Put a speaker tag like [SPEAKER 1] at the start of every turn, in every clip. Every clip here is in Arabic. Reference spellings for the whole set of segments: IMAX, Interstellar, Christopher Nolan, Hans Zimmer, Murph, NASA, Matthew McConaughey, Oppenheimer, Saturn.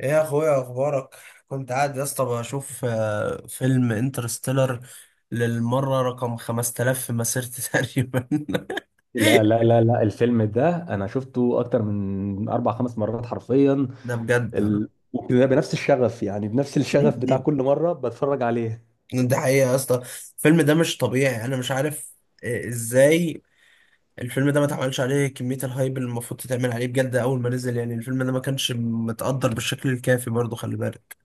[SPEAKER 1] ايه يا اخويا اخبارك؟ كنت قاعد يا اسطى بشوف فيلم انترستيلر للمره رقم 5000 في مسيرتي تقريبا.
[SPEAKER 2] لا لا لا لا، الفيلم ده انا شفته اكتر من اربع خمس مرات حرفيا.
[SPEAKER 1] ده بجد،
[SPEAKER 2] وكده بنفس الشغف، يعني بنفس الشغف بتاع كل مره بتفرج عليه.
[SPEAKER 1] ده حقيقه يا اسطى. الفيلم ده مش طبيعي، انا مش عارف ازاي. الفيلم ده ما اتعملش عليه كميه الهايب اللي المفروض تتعمل عليه بجد اول ما نزل. يعني الفيلم ده ما كانش متقدر بالشكل الكافي برضه، خلي بالك.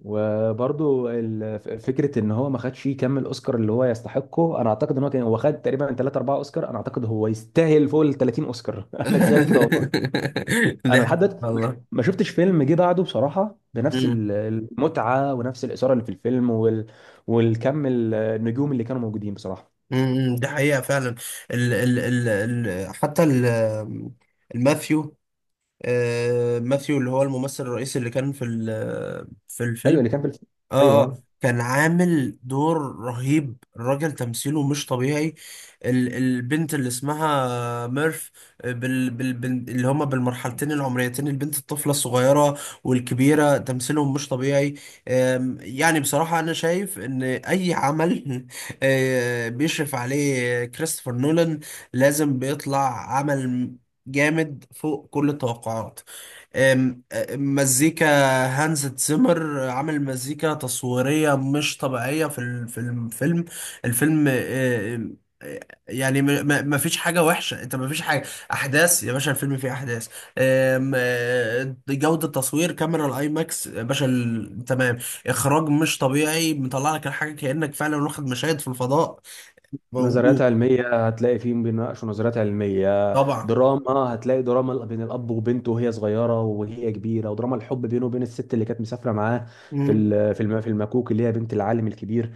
[SPEAKER 2] وبرضو فكره ان هو ما خدش كم الاوسكار اللي هو يستحقه. انا اعتقد ان هو هو خد تقريبا 3 4 اوسكار، انا اعتقد هو يستاهل فوق ال 30 اوسكار انا شايف كده والله.
[SPEAKER 1] ده
[SPEAKER 2] انا لحد
[SPEAKER 1] حقيقة
[SPEAKER 2] دلوقتي
[SPEAKER 1] والله.
[SPEAKER 2] ما شفتش فيلم جه بعده بصراحه بنفس المتعه ونفس الاثاره اللي في الفيلم والكم النجوم اللي كانوا موجودين بصراحه.
[SPEAKER 1] ده حقيقة فعلا. ال ال ال ال حتى ال الماثيو. آه ماثيو اللي هو الممثل الرئيسي اللي كان في
[SPEAKER 2] ايوه
[SPEAKER 1] الفيلم.
[SPEAKER 2] اللي كان في الفيلم.
[SPEAKER 1] اه.
[SPEAKER 2] ايوه،
[SPEAKER 1] كان عامل دور رهيب، الراجل تمثيله مش طبيعي. البنت اللي اسمها ميرف، اللي هما بالمرحلتين العمريتين، البنت الطفلة الصغيرة والكبيرة تمثيلهم مش طبيعي. يعني بصراحة أنا شايف إن أي عمل بيشرف عليه كريستوفر نولان لازم بيطلع عمل جامد فوق كل التوقعات. أم- مزيكا. هانز تزيمر عامل مزيكا تصويرية مش طبيعية في الفيلم. الفيلم يعني ما فيش حاجة وحشة، انت ما فيش حاجة. احداث يا باشا، الفيلم فيه احداث. أم، أه، جودة تصوير كاميرا الاي ماكس يا باشا تمام. اخراج مش طبيعي، مطلع لك الحاجة كأنك فعلا واخد مشاهد في الفضاء
[SPEAKER 2] نظريات
[SPEAKER 1] موجود.
[SPEAKER 2] علميه هتلاقي فيهم بيناقشوا نظريات علميه،
[SPEAKER 1] طبعا.
[SPEAKER 2] دراما هتلاقي دراما بين الاب وبنته وهي صغيره وهي كبيره، ودراما الحب بينه وبين الست اللي كانت مسافره معاه،
[SPEAKER 1] مم.
[SPEAKER 2] في المكوك اللي هي بنت العالم الكبير.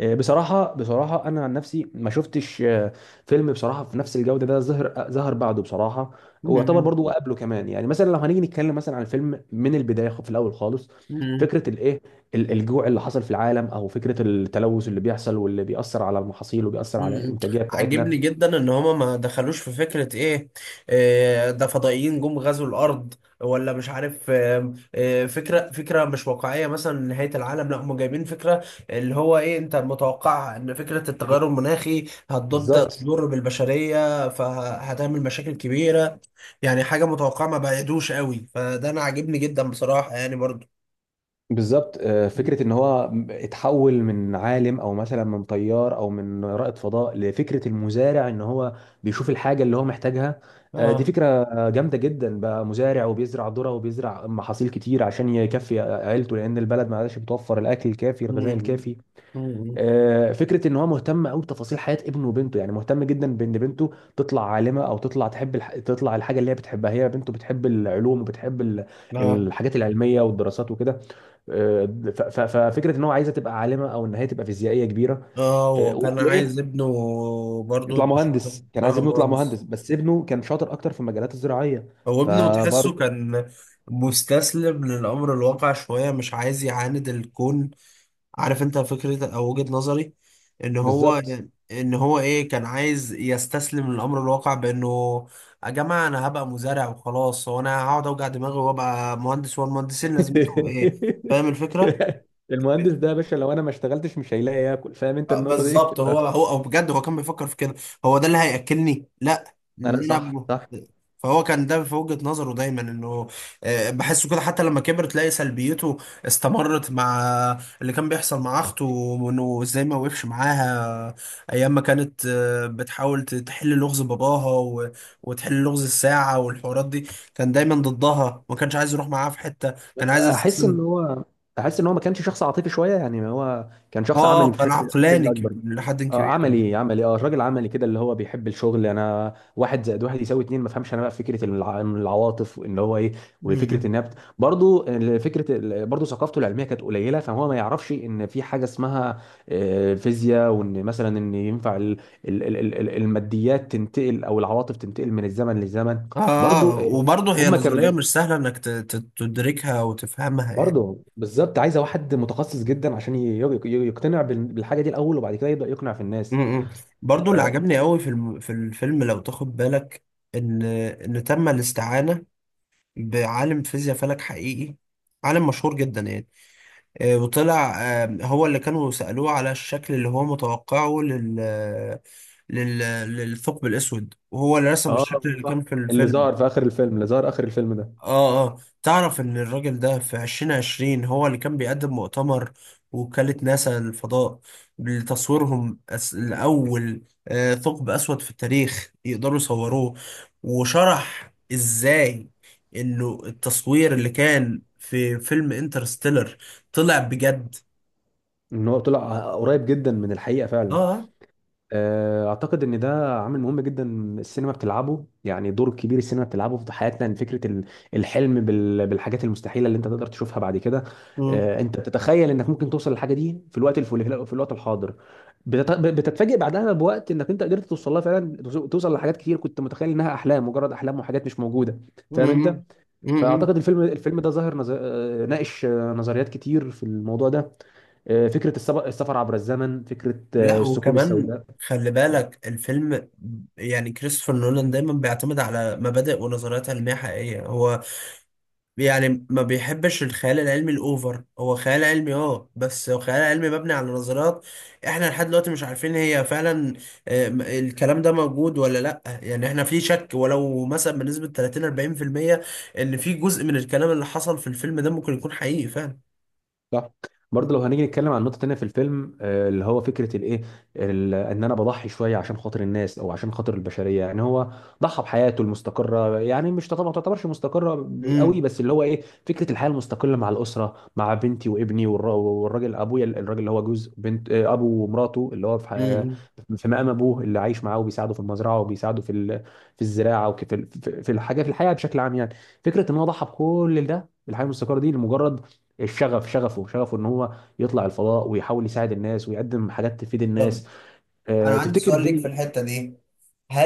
[SPEAKER 2] بصراحة بصراحة أنا عن نفسي ما شفتش فيلم بصراحة في نفس الجودة ده ظهر، ظهر بعده بصراحة. ويعتبر برضو قبله كمان، يعني مثلا لو هنيجي نتكلم مثلا عن الفيلم من البداية، في الأول خالص.
[SPEAKER 1] مم.
[SPEAKER 2] فكرة الإيه، الجوع اللي حصل في العالم، أو فكرة التلوث اللي بيحصل واللي بيأثر على المحاصيل وبيأثر على
[SPEAKER 1] مم.
[SPEAKER 2] الإنتاجية
[SPEAKER 1] عاجبني
[SPEAKER 2] بتاعتنا.
[SPEAKER 1] جدا ان هما ما دخلوش في فكرة ايه، ده فضائيين جم غزوا الارض ولا مش عارف، فكرة مش واقعية، مثلا نهاية العالم. لا، هما جايبين فكرة اللي هو ايه، انت متوقعها، ان فكرة التغير المناخي هتبدأ
[SPEAKER 2] بالظبط
[SPEAKER 1] تضر بالبشرية فهتعمل مشاكل كبيرة، يعني حاجة متوقعة ما بعيدوش قوي، فده انا عاجبني جدا بصراحة يعني برضو.
[SPEAKER 2] بالظبط. فكرة ان هو اتحول من عالم، او مثلا من طيار او من رائد فضاء، لفكرة المزارع. ان هو بيشوف الحاجة اللي هو محتاجها. دي
[SPEAKER 1] اه.
[SPEAKER 2] فكرة جامدة جدا. بقى مزارع وبيزرع ذرة وبيزرع محاصيل كتير عشان يكفي عيلته، لان البلد ما عادش بتوفر الاكل الكافي، الغذاء
[SPEAKER 1] مم.
[SPEAKER 2] الكافي.
[SPEAKER 1] مم.
[SPEAKER 2] فكره ان هو مهتم قوي بتفاصيل حياه ابنه وبنته، يعني مهتم جدا بان بنته تطلع عالمه، او تطلع تحب تطلع الحاجه اللي هي بتحبها. هي بنته بتحب العلوم وبتحب
[SPEAKER 1] اه،
[SPEAKER 2] الحاجات العلميه والدراسات وكده. آه، ففكره ان هو عايزه تبقى عالمه، او ان هي تبقى فيزيائيه كبيره.
[SPEAKER 1] اه، هو كان عايز
[SPEAKER 2] وايه،
[SPEAKER 1] ابنه برضه
[SPEAKER 2] يطلع
[SPEAKER 1] يبقى شاطر،
[SPEAKER 2] مهندس. كان عايز ابنه يطلع
[SPEAKER 1] مهندس.
[SPEAKER 2] مهندس، بس ابنه كان شاطر اكتر في المجالات الزراعيه.
[SPEAKER 1] هو ابنه تحسه
[SPEAKER 2] فبرضه
[SPEAKER 1] كان مستسلم للأمر الواقع شوية، مش عايز يعاند الكون. عارف انت فكرة او وجهة نظري، ان هو
[SPEAKER 2] بالظبط.
[SPEAKER 1] ان هو ايه، كان عايز يستسلم للأمر الواقع بانه: يا جماعة انا هبقى مزارع وخلاص، هو انا هقعد اوجع دماغي وابقى مهندس؟ والمهندسين لازمتهم ايه؟ فاهم الفكرة؟
[SPEAKER 2] المهندس ده يا باشا لو انا ما اشتغلتش مش هيلاقي ياكل، فاهم انت النقطه دي؟
[SPEAKER 1] بالظبط، هو هو او بجد هو كان بيفكر في كده. هو ده اللي هياكلني، لا، ان
[SPEAKER 2] انا
[SPEAKER 1] انا
[SPEAKER 2] صح صح.
[SPEAKER 1] فهو كان ده في وجهة نظره دايما، انه بحسه كده. حتى لما كبر تلاقي سلبيته استمرت مع اللي كان بيحصل مع اخته، وانه ازاي ما وقفش معاها ايام ما كانت بتحاول تحل لغز باباها وتحل لغز الساعة والحوارات دي. كان دايما ضدها، ما كانش عايز يروح معاها في حتة، كان عايز
[SPEAKER 2] احس ان
[SPEAKER 1] يستسلم.
[SPEAKER 2] هو احس ان هو ما كانش شخص عاطفي شويه، يعني هو كان شخص عملي
[SPEAKER 1] اه، كان
[SPEAKER 2] بشكل
[SPEAKER 1] عقلاني
[SPEAKER 2] اكبر.
[SPEAKER 1] لحد
[SPEAKER 2] اه
[SPEAKER 1] كبير.
[SPEAKER 2] عملي عملي، اه راجل عملي كده، اللي هو بيحب الشغل، انا واحد زائد واحد يساوي اتنين. ما فهمش انا بقى فكره العواطف ان هو ايه،
[SPEAKER 1] م-
[SPEAKER 2] وفكره
[SPEAKER 1] م.
[SPEAKER 2] النبت. برضو فكره برضو ثقافته العلميه كانت قليله، فهو ما يعرفش ان في حاجه اسمها فيزياء، وان مثلا ان ينفع الماديات تنتقل او العواطف تنتقل من الزمن للزمن. برضو
[SPEAKER 1] اه، وبرضه هي
[SPEAKER 2] هم كانوا
[SPEAKER 1] نظرية مش سهلة انك تدركها وتفهمها يعني.
[SPEAKER 2] برضه بالظبط عايزه واحد متخصص جدا عشان يقتنع بالحاجه دي الاول، وبعد كده يبدا يقنع في الناس.
[SPEAKER 1] امم برضه اللي
[SPEAKER 2] اه
[SPEAKER 1] عجبني قوي في الفيلم، لو تاخد بالك، ان تم الاستعانة بعالم فيزياء فلك حقيقي، عالم مشهور جدا يعني. وطلع هو اللي كانوا سألوه على الشكل اللي هو متوقعه لل... للثقب الأسود، وهو اللي رسم
[SPEAKER 2] آه،
[SPEAKER 1] الشكل اللي
[SPEAKER 2] صح.
[SPEAKER 1] كان في
[SPEAKER 2] اللي
[SPEAKER 1] الفيلم.
[SPEAKER 2] ظهر في اخر الفيلم، اللي ظهر اخر الفيلم ده.
[SPEAKER 1] اه، اه، تعرف ان الراجل ده في 2020 هو اللي كان بيقدم مؤتمر وكالة ناسا للفضاء لتصويرهم الأول ثقب أسود في التاريخ يقدروا يصوروه. وشرح ازاي انه التصوير اللي كان في فيلم انترستيلر طلع بجد.
[SPEAKER 2] ان هو طلع قريب جدا من الحقيقه
[SPEAKER 1] اه
[SPEAKER 2] فعلا.
[SPEAKER 1] آه.
[SPEAKER 2] اعتقد ان ده عامل مهم جدا السينما بتلعبه، يعني دور كبير السينما بتلعبه في حياتنا. ان فكره الحلم بالحاجات المستحيله اللي انت تقدر تشوفها بعد كده.
[SPEAKER 1] مم.
[SPEAKER 2] انت بتتخيل انك ممكن توصل للحاجه دي في الوقت الحاضر. بتتفاجئ بعدها بوقت انك انت قدرت توصل لها فعلا، توصل لحاجات كتير كنت متخيل انها احلام، مجرد احلام وحاجات مش موجوده. فاهم انت؟
[SPEAKER 1] مم. مم.
[SPEAKER 2] فاعتقد الفيلم ده ظاهر نظر... آه، ناقش نظريات كتير في الموضوع ده. فكره السفر عبر الزمن، فكره
[SPEAKER 1] لا،
[SPEAKER 2] الثقوب
[SPEAKER 1] وكمان
[SPEAKER 2] السوداء.
[SPEAKER 1] خلي بالك الفيلم، يعني كريستوفر نولان دايما بيعتمد على مبادئ ونظريات علمية حقيقية. هو يعني ما بيحبش الخيال العلمي الأوفر، هو خيال علمي، بس هو خيال علمي مبني على نظريات احنا لحد دلوقتي مش عارفين هي فعلا الكلام ده موجود ولا لأ. يعني احنا في شك، ولو مثلا بنسبة 30-40%، ان في جزء من الكلام اللي حصل في الفيلم ده ممكن يكون حقيقي فعلا.
[SPEAKER 2] صح. برضه لو
[SPEAKER 1] مم.
[SPEAKER 2] هنيجي نتكلم عن نقطة تانية في الفيلم، اللي هو فكرة الإيه، إن أنا بضحي شوية عشان خاطر الناس أو عشان خاطر البشرية. يعني هو ضحى بحياته المستقرة، يعني مش تعتبر ما تعتبرش مستقرة قوي،
[SPEAKER 1] مم.
[SPEAKER 2] بس اللي هو إيه، فكرة الحياة المستقلة مع الأسرة، مع بنتي وابني والراجل أبويا، الراجل اللي هو جوز بنت أبو ومراته، اللي هو
[SPEAKER 1] مم.
[SPEAKER 2] في مقام أبوه، اللي عايش معاه وبيساعده في المزرعة وبيساعده في الزراعة، وفي في في في الحياة بشكل عام يعني. فكرة إن هو ضحى بكل ده، الحياة المستقرة دي لمجرد الشغف، شغفه ان هو يطلع الفضاء ويحاول يساعد الناس ويقدم حاجات تفيد
[SPEAKER 1] طب،
[SPEAKER 2] الناس.
[SPEAKER 1] أنا عندي
[SPEAKER 2] تفتكر
[SPEAKER 1] سؤال ليك في
[SPEAKER 2] دي.
[SPEAKER 1] الحتة دي.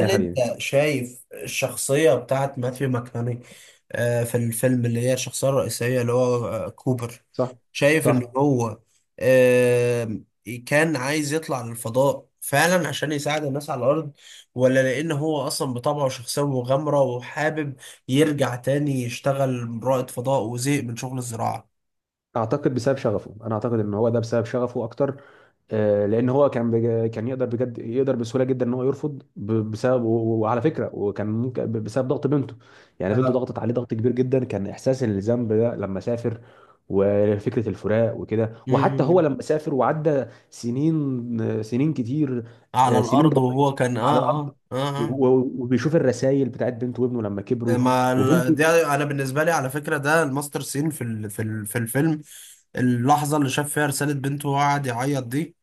[SPEAKER 2] يا
[SPEAKER 1] انت
[SPEAKER 2] حبيبي
[SPEAKER 1] شايف الشخصية بتاعت ماثيو ماكناني في الفيلم، اللي هي الشخصية الرئيسية، اللي هو كوبر،
[SPEAKER 2] صح
[SPEAKER 1] شايف ان
[SPEAKER 2] صح.
[SPEAKER 1] هو آه، كان عايز يطلع للفضاء فعلا عشان يساعد الناس على الأرض، ولا لأن هو أصلا بطبعه شخصية مغامرة وحابب يرجع تاني يشتغل رائد فضاء وزهق من شغل الزراعة؟
[SPEAKER 2] اعتقد بسبب شغفه، انا اعتقد ان هو ده بسبب شغفه اكتر. لان هو كان يقدر، بجد يقدر بسهوله جدا ان هو يرفض بسبب، وعلى فكره، وكان ممكن بسبب ضغط بنته، يعني بنته
[SPEAKER 1] آه.
[SPEAKER 2] ضغطت عليه ضغط كبير جدا، كان احساس الذنب ده لما سافر، وفكره الفراق وكده. وحتى هو
[SPEAKER 1] مم.
[SPEAKER 2] لما سافر وعدى سنين، سنين كتير،
[SPEAKER 1] على
[SPEAKER 2] سنين
[SPEAKER 1] الأرض
[SPEAKER 2] ضوئيه
[SPEAKER 1] وهو كان
[SPEAKER 2] على
[SPEAKER 1] آه
[SPEAKER 2] الارض،
[SPEAKER 1] آه آه, آه.
[SPEAKER 2] و... و- وبيشوف الرسائل بتاعت بنته وابنه لما كبروا،
[SPEAKER 1] ما ال-
[SPEAKER 2] وبنته،
[SPEAKER 1] دي انا بالنسبه لي على فكره ده الماستر سين في الفيلم، اللحظه اللي شاف فيها رساله بنته وقعد يعيط دي،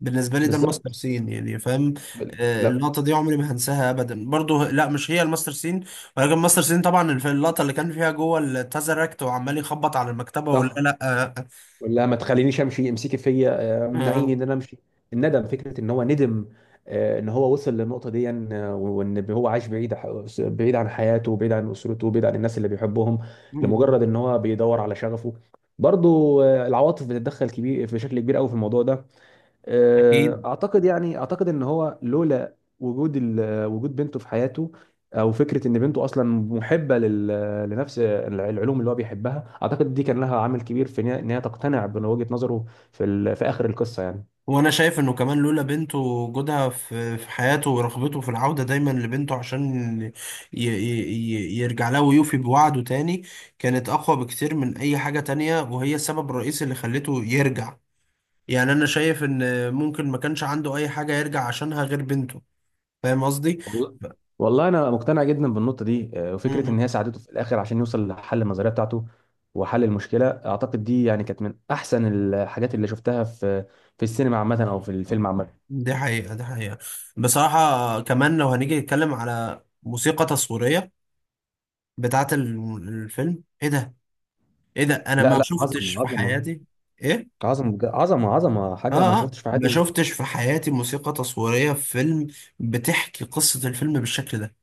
[SPEAKER 1] بالنسبه لي ده الماستر
[SPEAKER 2] بالظبط.
[SPEAKER 1] سين يعني، فاهم؟
[SPEAKER 2] لا،
[SPEAKER 1] اللقطه دي عمري ما هنساها ابدا. برضو لا، مش هي الماستر سين، ولكن الماستر سين طبعا اللقطه اللي كان فيها جوه التازركت وعمال يخبط على المكتبه، ولا
[SPEAKER 2] صح.
[SPEAKER 1] لا
[SPEAKER 2] ولا ما تخلينيش امشي، امسكي فيا، منعيني
[SPEAKER 1] آه،
[SPEAKER 2] ان انا امشي. الندم، فكره ان هو ندم، ان هو وصل للنقطه دي، وان هو عايش بعيد، بعيد عن حياته، بعيد عن اسرته، بعيد عن الناس اللي بيحبهم،
[SPEAKER 1] آه،
[SPEAKER 2] لمجرد ان هو بيدور على شغفه. برضو العواطف بتتدخل كبير في شكل كبير قوي في الموضوع ده.
[SPEAKER 1] اكيد.
[SPEAKER 2] اعتقد ان هو لولا وجود وجود بنته في حياته، او فكره ان بنته اصلا محبه لنفس العلوم اللي هو بيحبها، اعتقد دي كان لها عامل كبير في إن هي تقتنع بوجهه نظره في اخر القصه يعني.
[SPEAKER 1] وانا شايف انه كمان لولا بنته، وجودها في حياته، ورغبته في العودة دايما لبنته، عشان ي ي ي يرجع لها ويوفي بوعده تاني، كانت اقوى بكتير من اي حاجة تانية، وهي السبب الرئيسي اللي خلته يرجع. يعني انا شايف ان ممكن ما كانش عنده اي حاجة يرجع عشانها غير بنته، فاهم قصدي؟
[SPEAKER 2] والله،
[SPEAKER 1] ف-
[SPEAKER 2] والله انا مقتنع جدا بالنقطه دي.
[SPEAKER 1] م-
[SPEAKER 2] وفكره ان
[SPEAKER 1] م.
[SPEAKER 2] هي ساعدته في الاخر عشان يوصل لحل النظريه بتاعته وحل المشكله. اعتقد دي يعني كانت من احسن الحاجات اللي شفتها في السينما عامه، او في الفيلم عامه.
[SPEAKER 1] دي حقيقة، دي حقيقة. بصراحة كمان، لو هنيجي نتكلم على موسيقى تصويرية بتاعت الفيلم، ايه ده؟ ايه ده؟ انا
[SPEAKER 2] لا
[SPEAKER 1] ما
[SPEAKER 2] لا،
[SPEAKER 1] شفتش
[SPEAKER 2] عظمه
[SPEAKER 1] في
[SPEAKER 2] عظمه،
[SPEAKER 1] حياتي. ايه؟
[SPEAKER 2] عظمة عظمة عظمة، حاجة ما
[SPEAKER 1] اه، اه،
[SPEAKER 2] شفتش في
[SPEAKER 1] ما
[SPEAKER 2] حياتي.
[SPEAKER 1] شفتش في حياتي موسيقى تصويرية في فيلم بتحكي قصة الفيلم بالشكل ده.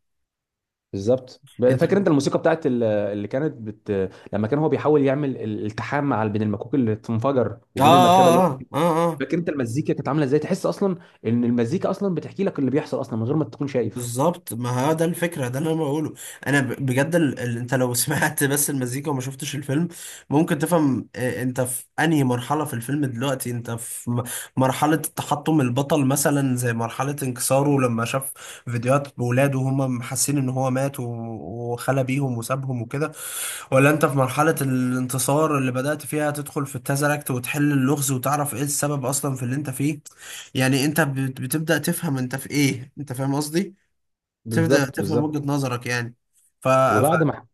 [SPEAKER 2] بالظبط،
[SPEAKER 1] انت
[SPEAKER 2] فاكر
[SPEAKER 1] اه،
[SPEAKER 2] انت الموسيقى بتاعت اللي كانت لما كان هو بيحاول يعمل الالتحام مع، بين المكوك اللي بتنفجر
[SPEAKER 1] اه،
[SPEAKER 2] وبين المركبة اللي هو.
[SPEAKER 1] اه، اه.
[SPEAKER 2] فاكر انت المزيكا كانت عاملة ازاي؟ تحس اصلا ان المزيكا اصلا بتحكي لك اللي بيحصل اصلا من غير ما تكون شايف.
[SPEAKER 1] بالظبط، ما هو ده الفكرة، ده اللي انا بقوله. انا بجد انت لو سمعت بس المزيكا وما شفتش الفيلم ممكن تفهم انت في انهي مرحلة في الفيلم دلوقتي. انت في مرحلة تحطم البطل، مثلا زي مرحلة انكساره لما شاف فيديوهات بولاده وهم حاسين ان هو مات وخلى بيهم وسابهم وكده، ولا انت في مرحلة الانتصار اللي بدأت فيها تدخل في التزركت وتحل اللغز وتعرف ايه السبب اصلا في اللي انت فيه. يعني انت بتبدأ تفهم انت في ايه، انت فاهم قصدي؟ تبدأ
[SPEAKER 2] بالظبط
[SPEAKER 1] تفهم
[SPEAKER 2] بالظبط.
[SPEAKER 1] وجهة نظرك يعني. ف... ف...
[SPEAKER 2] وبعد ما،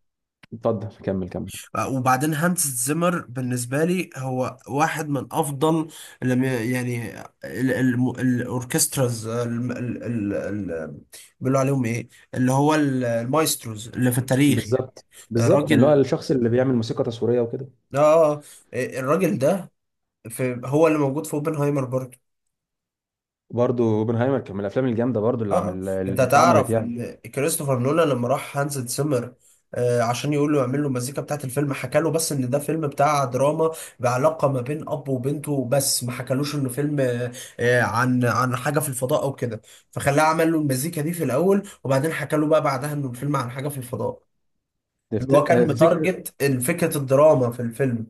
[SPEAKER 2] اتفضل كمل كمل.
[SPEAKER 1] وبعدين هانس زيمر بالنسبة لي هو واحد من أفضل، لم ي- يعني الأوركستراز ال... بيقولوا عليهم إيه، اللي هو المايستروز اللي في التاريخ يعني.
[SPEAKER 2] بالظبط بالظبط، اللي هو
[SPEAKER 1] راجل،
[SPEAKER 2] الشخص اللي بيعمل موسيقى تصويرية وكده.
[SPEAKER 1] آه الراجل ده في هو اللي موجود في اوبنهايمر برضه.
[SPEAKER 2] برضه اوبنهايمر كان من الافلام الجامدة برضه
[SPEAKER 1] اه،
[SPEAKER 2] اللي
[SPEAKER 1] اه،
[SPEAKER 2] عمل،
[SPEAKER 1] انت
[SPEAKER 2] اللي اتعملت
[SPEAKER 1] هتعرف
[SPEAKER 2] يعني.
[SPEAKER 1] ان كريستوفر نولان لما راح هانز زيمر عشان يقول له يعمل له المزيكا بتاعت الفيلم، حكى له بس ان ده فيلم بتاع دراما بعلاقه ما بين اب وبنته، بس ما حكالوش انه فيلم عن حاجه في الفضاء او كده. فخلاه عمل له المزيكا دي في الاول، وبعدين حكى له بقى بعدها انه الفيلم عن حاجه في الفضاء،
[SPEAKER 2] تفت...
[SPEAKER 1] اللي هو كان
[SPEAKER 2] تفتكر
[SPEAKER 1] متارجت فكره الدراما في الفيلم.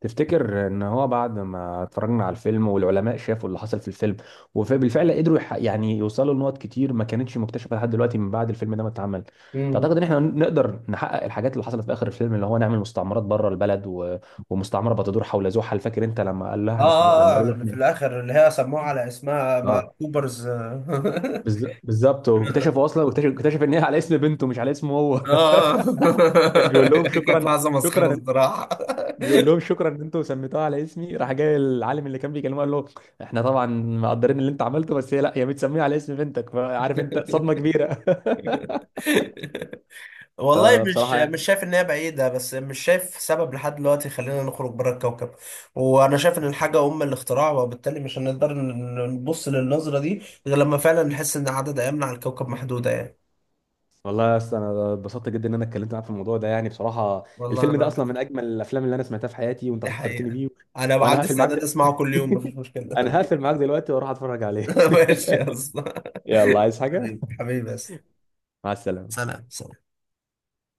[SPEAKER 2] تفتكر ان هو بعد ما اتفرجنا على الفيلم والعلماء شافوا اللي حصل في الفيلم، وبالفعل قدروا يعني يوصلوا لنقط كتير ما كانتش مكتشفة لحد دلوقتي من بعد الفيلم ده ما اتعمل،
[SPEAKER 1] مم.
[SPEAKER 2] تعتقد ان احنا نقدر نحقق الحاجات اللي حصلت في اخر الفيلم، اللي هو نعمل مستعمرات بره البلد ومستعمرة بتدور حول زحل؟ فاكر انت
[SPEAKER 1] اه،
[SPEAKER 2] لما
[SPEAKER 1] اه، اه،
[SPEAKER 2] قالوا له
[SPEAKER 1] اللي في
[SPEAKER 2] احنا،
[SPEAKER 1] الاخر اللي هي سموها على اسمها
[SPEAKER 2] اه،
[SPEAKER 1] كوبرز.
[SPEAKER 2] بالظبط. واكتشفوا اصلا، واكتشف ان هي على اسم بنته مش على اسمه هو.
[SPEAKER 1] اه.
[SPEAKER 2] كان بيقول لهم
[SPEAKER 1] كانت
[SPEAKER 2] شكرا،
[SPEAKER 1] لحظة مسخرة
[SPEAKER 2] شكرا،
[SPEAKER 1] الصراحة.
[SPEAKER 2] بيقول لهم شكرا ان انتوا سميتوها على اسمي، راح جاي العالم اللي كان بيكلمه قال له: احنا طبعا مقدرين اللي انت عملته، بس هي لا، هي متسميه على اسم بنتك. فعارف انت صدمه كبيره.
[SPEAKER 1] والله، مش
[SPEAKER 2] فبصراحه
[SPEAKER 1] مش
[SPEAKER 2] يعني.
[SPEAKER 1] شايف ان هي بعيدة، بس مش شايف سبب لحد دلوقتي يخلينا نخرج بره الكوكب. وانا شايف ان الحاجة ام الاختراع، وبالتالي مش هنقدر نبص للنظرة دي غير لما فعلا نحس ان عدد ايامنا على الكوكب محدودة يعني.
[SPEAKER 2] والله يا اسطى، انا اتبسطت جدا ان انا اتكلمت معاك في الموضوع ده يعني بصراحه.
[SPEAKER 1] والله
[SPEAKER 2] الفيلم
[SPEAKER 1] انا
[SPEAKER 2] ده اصلا من
[SPEAKER 1] اكتر.
[SPEAKER 2] اجمل الافلام اللي انا سمعتها في حياتي، وانت
[SPEAKER 1] دي
[SPEAKER 2] فكرتني
[SPEAKER 1] حقيقة،
[SPEAKER 2] بيه.
[SPEAKER 1] انا
[SPEAKER 2] وانا
[SPEAKER 1] عندي
[SPEAKER 2] هقفل معاك
[SPEAKER 1] استعداد
[SPEAKER 2] ده.
[SPEAKER 1] اسمعه كل يوم مفيش مشكلة.
[SPEAKER 2] انا هقفل معاك دلوقتي واروح اتفرج عليه.
[SPEAKER 1] ماشي يا اسطى.
[SPEAKER 2] يلا عايز حاجه؟
[SPEAKER 1] حبيبي حبيبي بس.
[SPEAKER 2] مع السلامه.
[SPEAKER 1] سلام، سلام.